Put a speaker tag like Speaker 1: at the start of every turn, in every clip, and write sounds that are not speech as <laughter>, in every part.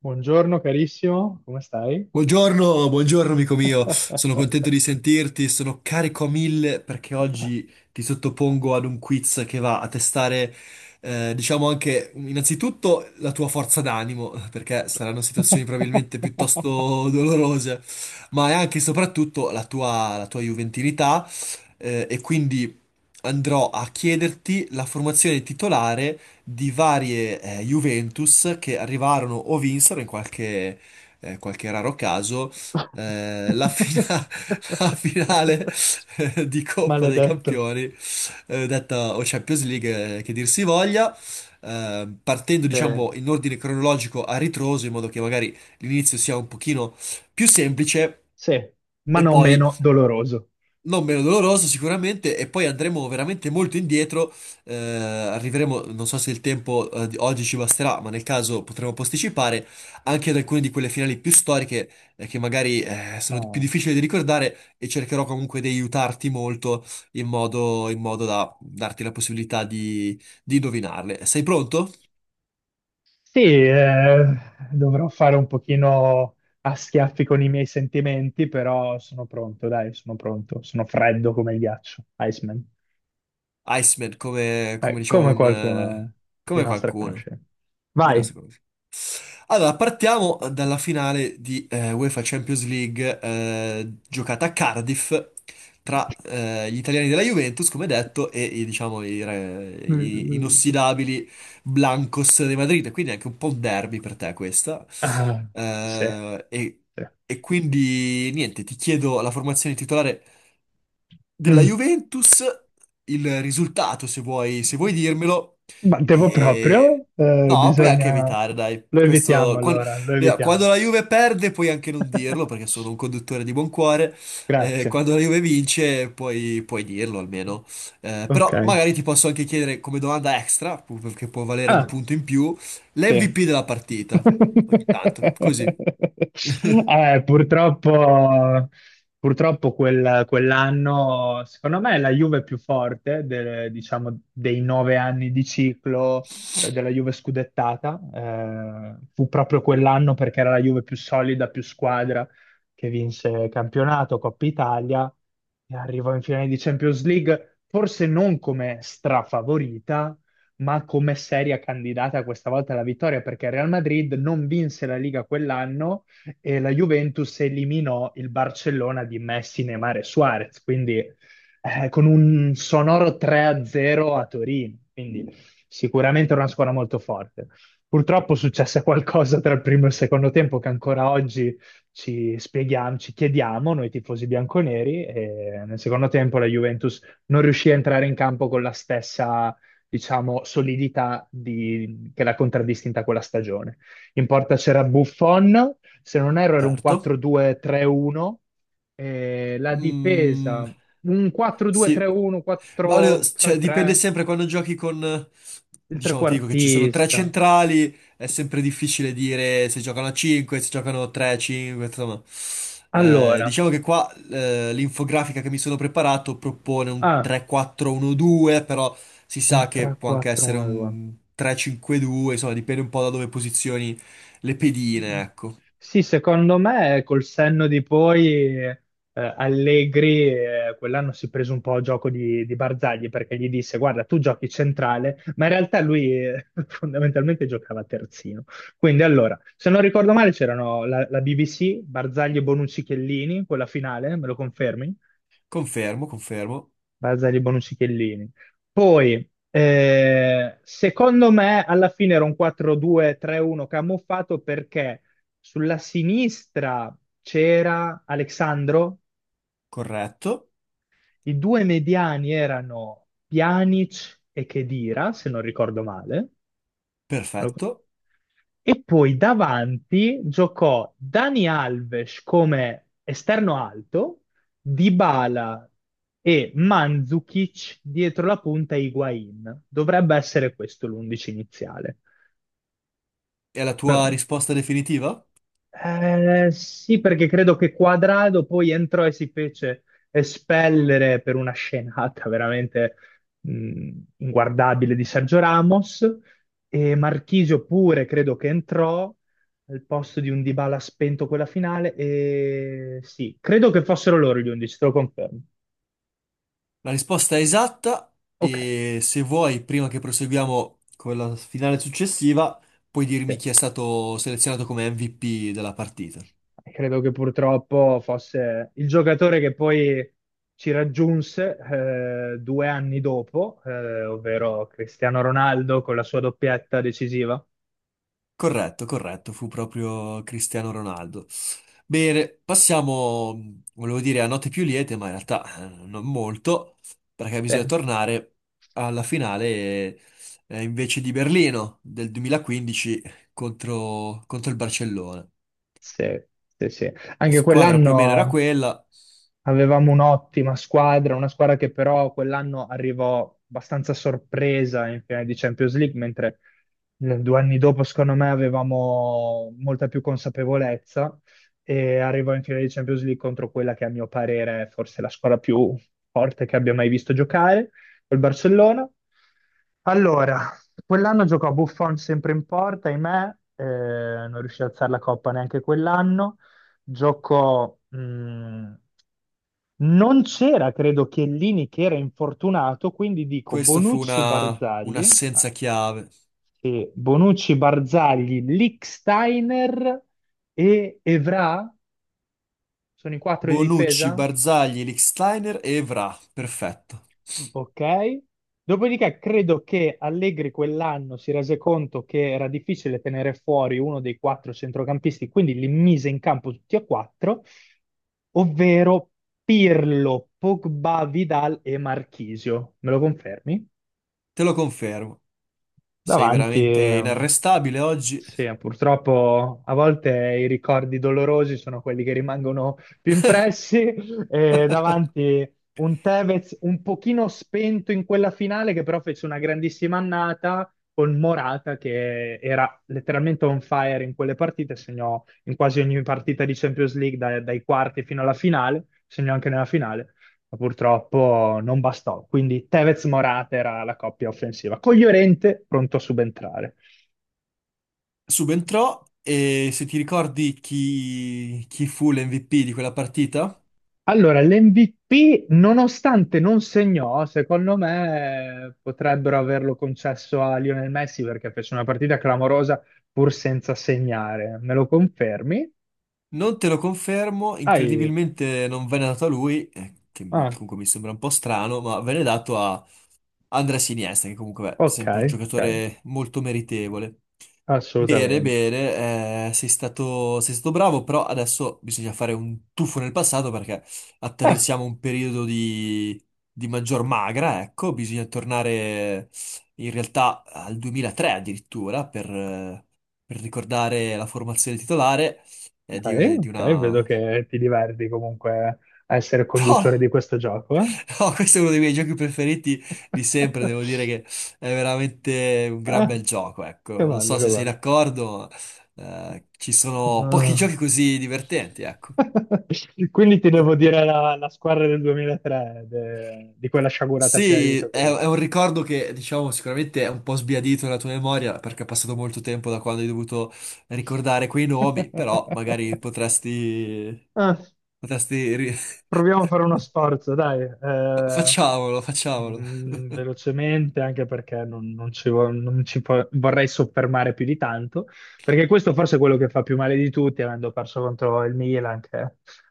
Speaker 1: Buongiorno carissimo, come stai?
Speaker 2: Buongiorno, buongiorno amico mio, sono contento di sentirti, sono carico a mille perché oggi ti sottopongo ad un quiz che va a testare, diciamo anche innanzitutto la tua forza d'animo, perché saranno situazioni probabilmente
Speaker 1: <laughs>
Speaker 2: piuttosto dolorose, ma è anche e soprattutto la tua juventinità, e quindi andrò a chiederti la formazione titolare di varie, Juventus che arrivarono o vinsero in qualche qualche raro caso, eh, la, fina- <laughs> la finale di Coppa dei
Speaker 1: Maledetto.
Speaker 2: Campioni, detta o Champions League, che dir si voglia, partendo
Speaker 1: Eh,
Speaker 2: diciamo in ordine cronologico a ritroso, in modo che magari l'inizio sia un pochino più semplice.
Speaker 1: Sì, ma
Speaker 2: E
Speaker 1: non
Speaker 2: poi
Speaker 1: meno doloroso.
Speaker 2: non meno doloroso sicuramente e poi andremo veramente molto indietro, arriveremo, non so se il tempo di oggi ci basterà, ma nel caso potremo posticipare anche ad alcune di quelle finali più storiche che magari più
Speaker 1: Ah.
Speaker 2: difficili da ricordare e cercherò comunque di aiutarti molto in modo da darti la possibilità di indovinarle. Sei pronto?
Speaker 1: Sì, dovrò fare un pochino a schiaffi con i miei sentimenti, però sono pronto, dai, sono pronto. Sono freddo come il ghiaccio, Iceman.
Speaker 2: Iceman, come diciamo
Speaker 1: Come
Speaker 2: un...
Speaker 1: qualcuno di
Speaker 2: come
Speaker 1: nostra
Speaker 2: qualcuno.
Speaker 1: conoscenza.
Speaker 2: Di
Speaker 1: Vai.
Speaker 2: nostro. Allora, partiamo dalla finale di UEFA Champions League giocata a Cardiff tra gli italiani della Juventus, come detto, e i, diciamo, i, re-
Speaker 1: Mm,
Speaker 2: i
Speaker 1: mm.
Speaker 2: inossidabili Blancos di Madrid. Quindi anche un po' un derby per te questa.
Speaker 1: Ah, sì,
Speaker 2: Eh, e,
Speaker 1: sì.
Speaker 2: e quindi niente, ti chiedo la formazione titolare della
Speaker 1: Mm.
Speaker 2: Juventus, il risultato, se vuoi, se vuoi dirmelo.
Speaker 1: Ma devo
Speaker 2: E...
Speaker 1: proprio?
Speaker 2: No, puoi anche
Speaker 1: Bisogna...
Speaker 2: evitare, dai.
Speaker 1: Lo evitiamo allora, lo
Speaker 2: Via,
Speaker 1: evitiamo.
Speaker 2: quando, la Juve perde puoi anche non dirlo, perché sono un
Speaker 1: <laughs>
Speaker 2: conduttore di buon cuore.
Speaker 1: Grazie.
Speaker 2: Quando la Juve vince puoi, puoi dirlo almeno.
Speaker 1: Ok.
Speaker 2: Però magari ti posso anche chiedere come domanda extra, che può valere un
Speaker 1: Ah.
Speaker 2: punto in più,
Speaker 1: Sì.
Speaker 2: l'MVP della partita. Ogni tanto,
Speaker 1: <laughs>
Speaker 2: così. <laughs>
Speaker 1: Purtroppo, purtroppo quell'anno, secondo me, la Juve più forte, diciamo, dei 9 anni di ciclo della Juve scudettata, fu proprio quell'anno perché era la Juve più solida, più squadra, che vinse campionato, Coppa Italia e arrivò in finale di Champions League, forse non come strafavorita, ma come seria candidata questa volta alla vittoria, perché il Real Madrid non vinse la Liga quell'anno e la Juventus eliminò il Barcellona di Messi, Neymar e Suarez, quindi con un sonoro 3-0 a zero a Torino, quindi sicuramente era una squadra molto forte. Purtroppo successe qualcosa tra il primo e il secondo tempo che ancora oggi ci spieghiamo, ci chiediamo noi tifosi bianconeri, e nel secondo tempo la Juventus non riuscì a entrare in campo con la stessa, diciamo, solidità che l'ha contraddistinta quella stagione. In porta c'era Buffon, se non erro era un
Speaker 2: Certo.
Speaker 1: 4-2-3-1, la
Speaker 2: Mm.
Speaker 1: difesa un
Speaker 2: Sì,
Speaker 1: 4-2-3-1,
Speaker 2: ma cioè, dipende
Speaker 1: 4-3-3,
Speaker 2: sempre quando giochi con,
Speaker 1: il
Speaker 2: diciamo, ti dico che ci sono tre
Speaker 1: trequartista.
Speaker 2: centrali, è sempre difficile dire se giocano a 5, se giocano 3, 5, insomma.
Speaker 1: Allora,
Speaker 2: Diciamo che qua l'infografica che mi sono preparato propone un
Speaker 1: ah,
Speaker 2: 3-4-1-2, però si sa
Speaker 1: un
Speaker 2: che può anche essere
Speaker 1: 3-4-1-2.
Speaker 2: un 3-5-2, insomma, dipende un po' da dove posizioni le pedine, ecco.
Speaker 1: Sì, secondo me col senno di poi Allegri quell'anno si è preso un po' a gioco di Barzagli perché gli disse guarda tu giochi centrale, ma in realtà lui <laughs> fondamentalmente giocava terzino. Quindi allora, se non ricordo male c'erano la BBC, Barzagli, Bonucci, Chiellini, quella finale, me lo confermi?
Speaker 2: Confermo, confermo,
Speaker 1: Barzagli, Bonucci, Chiellini. Poi, secondo me, alla fine era un 4-2-3-1 camuffato perché sulla sinistra c'era Alexandro,
Speaker 2: corretto,
Speaker 1: i due mediani erano Pjanic e Khedira, se non ricordo male.
Speaker 2: perfetto.
Speaker 1: E poi davanti giocò Dani Alves come esterno alto, Dybala e Mandzukic dietro la punta Higuain. Dovrebbe essere questo l'11 iniziale.
Speaker 2: E la tua risposta definitiva?
Speaker 1: Sì, perché credo che Quadrado poi entrò e si fece espellere per una scenata veramente mh, inguardabile di Sergio Ramos e Marchisio pure credo che entrò al posto di un Dybala spento quella finale e sì, credo che fossero loro gli 11, te lo confermo.
Speaker 2: La risposta è esatta
Speaker 1: Ok,
Speaker 2: e se vuoi, prima che proseguiamo con la finale successiva, puoi dirmi
Speaker 1: sì.
Speaker 2: chi è stato selezionato come MVP della partita.
Speaker 1: Credo che purtroppo fosse il giocatore che poi ci raggiunse 2 anni dopo, ovvero Cristiano Ronaldo con la sua doppietta decisiva.
Speaker 2: Corretto, corretto, fu proprio Cristiano Ronaldo. Bene, passiamo, volevo dire, a note più liete, ma in realtà non molto, perché bisogna
Speaker 1: Eh,
Speaker 2: tornare alla finale invece di Berlino del 2015 contro il Barcellona.
Speaker 1: sì, sì, sì.
Speaker 2: La
Speaker 1: Anche
Speaker 2: squadra più o meno era
Speaker 1: quell'anno.
Speaker 2: quella.
Speaker 1: Avevamo un'ottima squadra, una squadra che però quell'anno arrivò abbastanza sorpresa in finale di Champions League, mentre 2 anni dopo, secondo me, avevamo molta più consapevolezza e arrivò in finale di Champions League contro quella che a mio parere è forse la squadra più forte che abbia mai visto giocare, col Barcellona. Allora, quell'anno giocò Buffon sempre in porta, ahimè, non riuscì ad alzare la coppa neanche quell'anno. Giocò non c'era, credo, Chiellini che era infortunato, quindi dico
Speaker 2: Questo fu
Speaker 1: Bonucci
Speaker 2: una,
Speaker 1: Barzagli, ah,
Speaker 2: un'assenza chiave.
Speaker 1: sì, Bonucci Barzagli, Lichtsteiner e Evra, sono i quattro di
Speaker 2: Bonucci,
Speaker 1: difesa?
Speaker 2: Barzagli, Lichtsteiner e Evra. Perfetto.
Speaker 1: Ok. Dopodiché credo che Allegri quell'anno si rese conto che era difficile tenere fuori uno dei quattro centrocampisti, quindi li mise in campo tutti e quattro, ovvero Pirlo, Pogba, Vidal e Marchisio. Me lo confermi?
Speaker 2: Te lo confermo. Sei
Speaker 1: Davanti
Speaker 2: veramente
Speaker 1: e
Speaker 2: inarrestabile oggi.
Speaker 1: sì, purtroppo a volte i ricordi dolorosi sono quelli che rimangono più impressi <laughs> e
Speaker 2: <laughs>
Speaker 1: davanti un Tevez un pochino spento in quella finale che però fece una grandissima annata con Morata che era letteralmente on fire in quelle partite, segnò in quasi ogni partita di Champions League dai quarti fino alla finale, segnò anche nella finale, ma purtroppo non bastò. Quindi Tevez-Morata era la coppia offensiva, con Llorente pronto a subentrare.
Speaker 2: Subentrò e se ti ricordi chi, chi fu l'MVP di quella partita?
Speaker 1: Allora, l'MVP, nonostante non segnò, secondo me potrebbero averlo concesso a Lionel Messi perché fece una partita clamorosa pur senza segnare. Me lo confermi?
Speaker 2: Non te lo confermo,
Speaker 1: Hai-
Speaker 2: incredibilmente non venne dato a lui,
Speaker 1: Ah,
Speaker 2: comunque mi sembra un po' strano, ma venne dato a Andrea Iniesta, che comunque è
Speaker 1: ok,
Speaker 2: sempre un
Speaker 1: ok,
Speaker 2: giocatore molto meritevole. Bene,
Speaker 1: assolutamente.
Speaker 2: bene, sei stato bravo, però adesso bisogna fare un tuffo nel passato perché
Speaker 1: Ah,
Speaker 2: attraversiamo un periodo di maggior magra, ecco, bisogna tornare in realtà al 2003 addirittura per ricordare la formazione titolare è
Speaker 1: ok,
Speaker 2: di
Speaker 1: ok, vedo
Speaker 2: una...
Speaker 1: che ti diverti comunque a essere conduttore di
Speaker 2: <laughs>
Speaker 1: questo gioco. Eh?
Speaker 2: No, no, questo è uno dei miei giochi preferiti di sempre, devo dire
Speaker 1: <laughs>
Speaker 2: che è veramente un gran
Speaker 1: Ah,
Speaker 2: bel gioco,
Speaker 1: che
Speaker 2: ecco. Non
Speaker 1: bello,
Speaker 2: so
Speaker 1: che
Speaker 2: se sei
Speaker 1: bello.
Speaker 2: d'accordo, ma, ci sono pochi
Speaker 1: Ah.
Speaker 2: giochi così divertenti, ecco.
Speaker 1: <laughs> Quindi ti devo dire la squadra del 2003, di quella sciagurata finale di
Speaker 2: Sì,
Speaker 1: Champions
Speaker 2: è un ricordo che, diciamo, sicuramente è un po' sbiadito nella tua memoria, perché è passato molto tempo da quando hai dovuto ricordare quei nomi,
Speaker 1: League.
Speaker 2: però magari potresti...
Speaker 1: <laughs>
Speaker 2: potresti... ri-
Speaker 1: Proviamo a fare
Speaker 2: <laughs>
Speaker 1: uno sforzo, dai.
Speaker 2: Facciamolo, facciamolo.
Speaker 1: Velocemente, anche perché non ci vorrei soffermare più di tanto, perché questo forse è quello che fa più male di tutti, avendo perso contro il Milan, che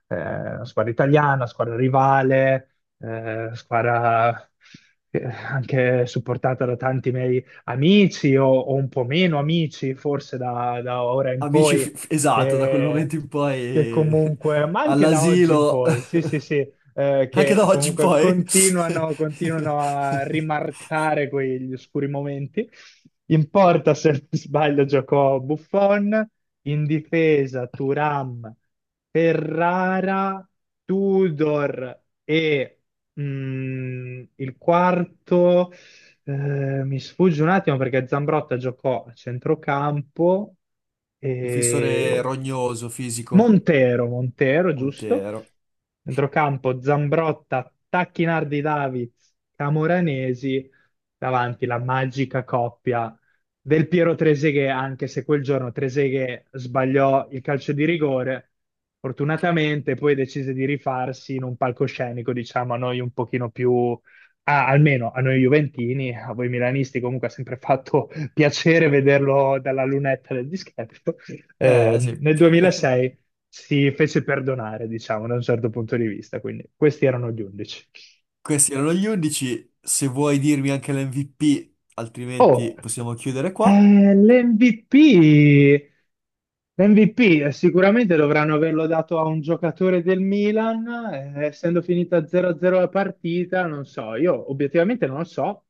Speaker 1: è una squadra italiana, squadra rivale, squadra anche supportata da tanti miei amici o un po' meno amici, forse da ora in
Speaker 2: Amici,
Speaker 1: poi
Speaker 2: esatto, da quel
Speaker 1: che,
Speaker 2: momento in
Speaker 1: che
Speaker 2: poi
Speaker 1: comunque, ma
Speaker 2: <laughs>
Speaker 1: anche da oggi in
Speaker 2: all'asilo,
Speaker 1: poi, sì,
Speaker 2: <laughs>
Speaker 1: sì, sì,
Speaker 2: anche
Speaker 1: che
Speaker 2: da oggi in
Speaker 1: comunque
Speaker 2: poi.
Speaker 1: continuano, continuano a rimarcare quegli oscuri momenti. In porta, se non sbaglio, giocò Buffon, in difesa Thuram, Ferrara, Tudor e il quarto. Mi sfugge un attimo perché Zambrotta giocò a centrocampo
Speaker 2: <laughs> Difensore
Speaker 1: e
Speaker 2: rognoso, fisico,
Speaker 1: Montero, Montero, giusto?
Speaker 2: Montero.
Speaker 1: Centrocampo Zambrotta, Tacchinardi Davids, Camoranesi, davanti la magica coppia del Piero Treseghe, anche se quel giorno Treseghe sbagliò il calcio di rigore, fortunatamente poi decise di rifarsi in un palcoscenico, diciamo, a noi un pochino più. Ah, almeno a noi Juventini, a voi Milanisti, comunque ha sempre fatto <laughs> piacere vederlo dalla lunetta del dischetto.
Speaker 2: Eh sì,
Speaker 1: Nel 2006 si fece perdonare, diciamo, da un certo punto di vista. Quindi questi erano gli 11.
Speaker 2: <laughs> questi erano gli 11. Se vuoi dirmi anche l'MVP,
Speaker 1: Oh,
Speaker 2: altrimenti possiamo chiudere qua.
Speaker 1: l'MVP. L'MVP sicuramente dovranno averlo dato a un giocatore del Milan, essendo finita 0-0 la partita, non so, io obiettivamente non lo so.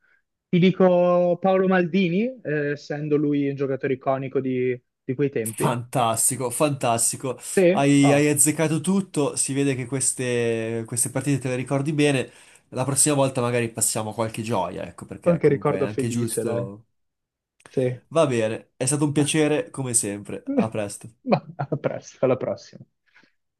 Speaker 1: Ti dico Paolo Maldini, essendo lui un giocatore iconico di quei tempi.
Speaker 2: Fantastico, fantastico.
Speaker 1: Sì,
Speaker 2: Hai,
Speaker 1: ah,
Speaker 2: hai azzeccato tutto. Si vede che queste, queste partite te le ricordi bene. La prossima volta magari passiamo qualche gioia, ecco, perché
Speaker 1: che
Speaker 2: comunque è
Speaker 1: ricordo
Speaker 2: anche
Speaker 1: felice, dai.
Speaker 2: giusto.
Speaker 1: Sì.
Speaker 2: Va bene, è stato un
Speaker 1: <laughs>
Speaker 2: piacere come sempre. A presto.
Speaker 1: Ma a presto, alla prossima.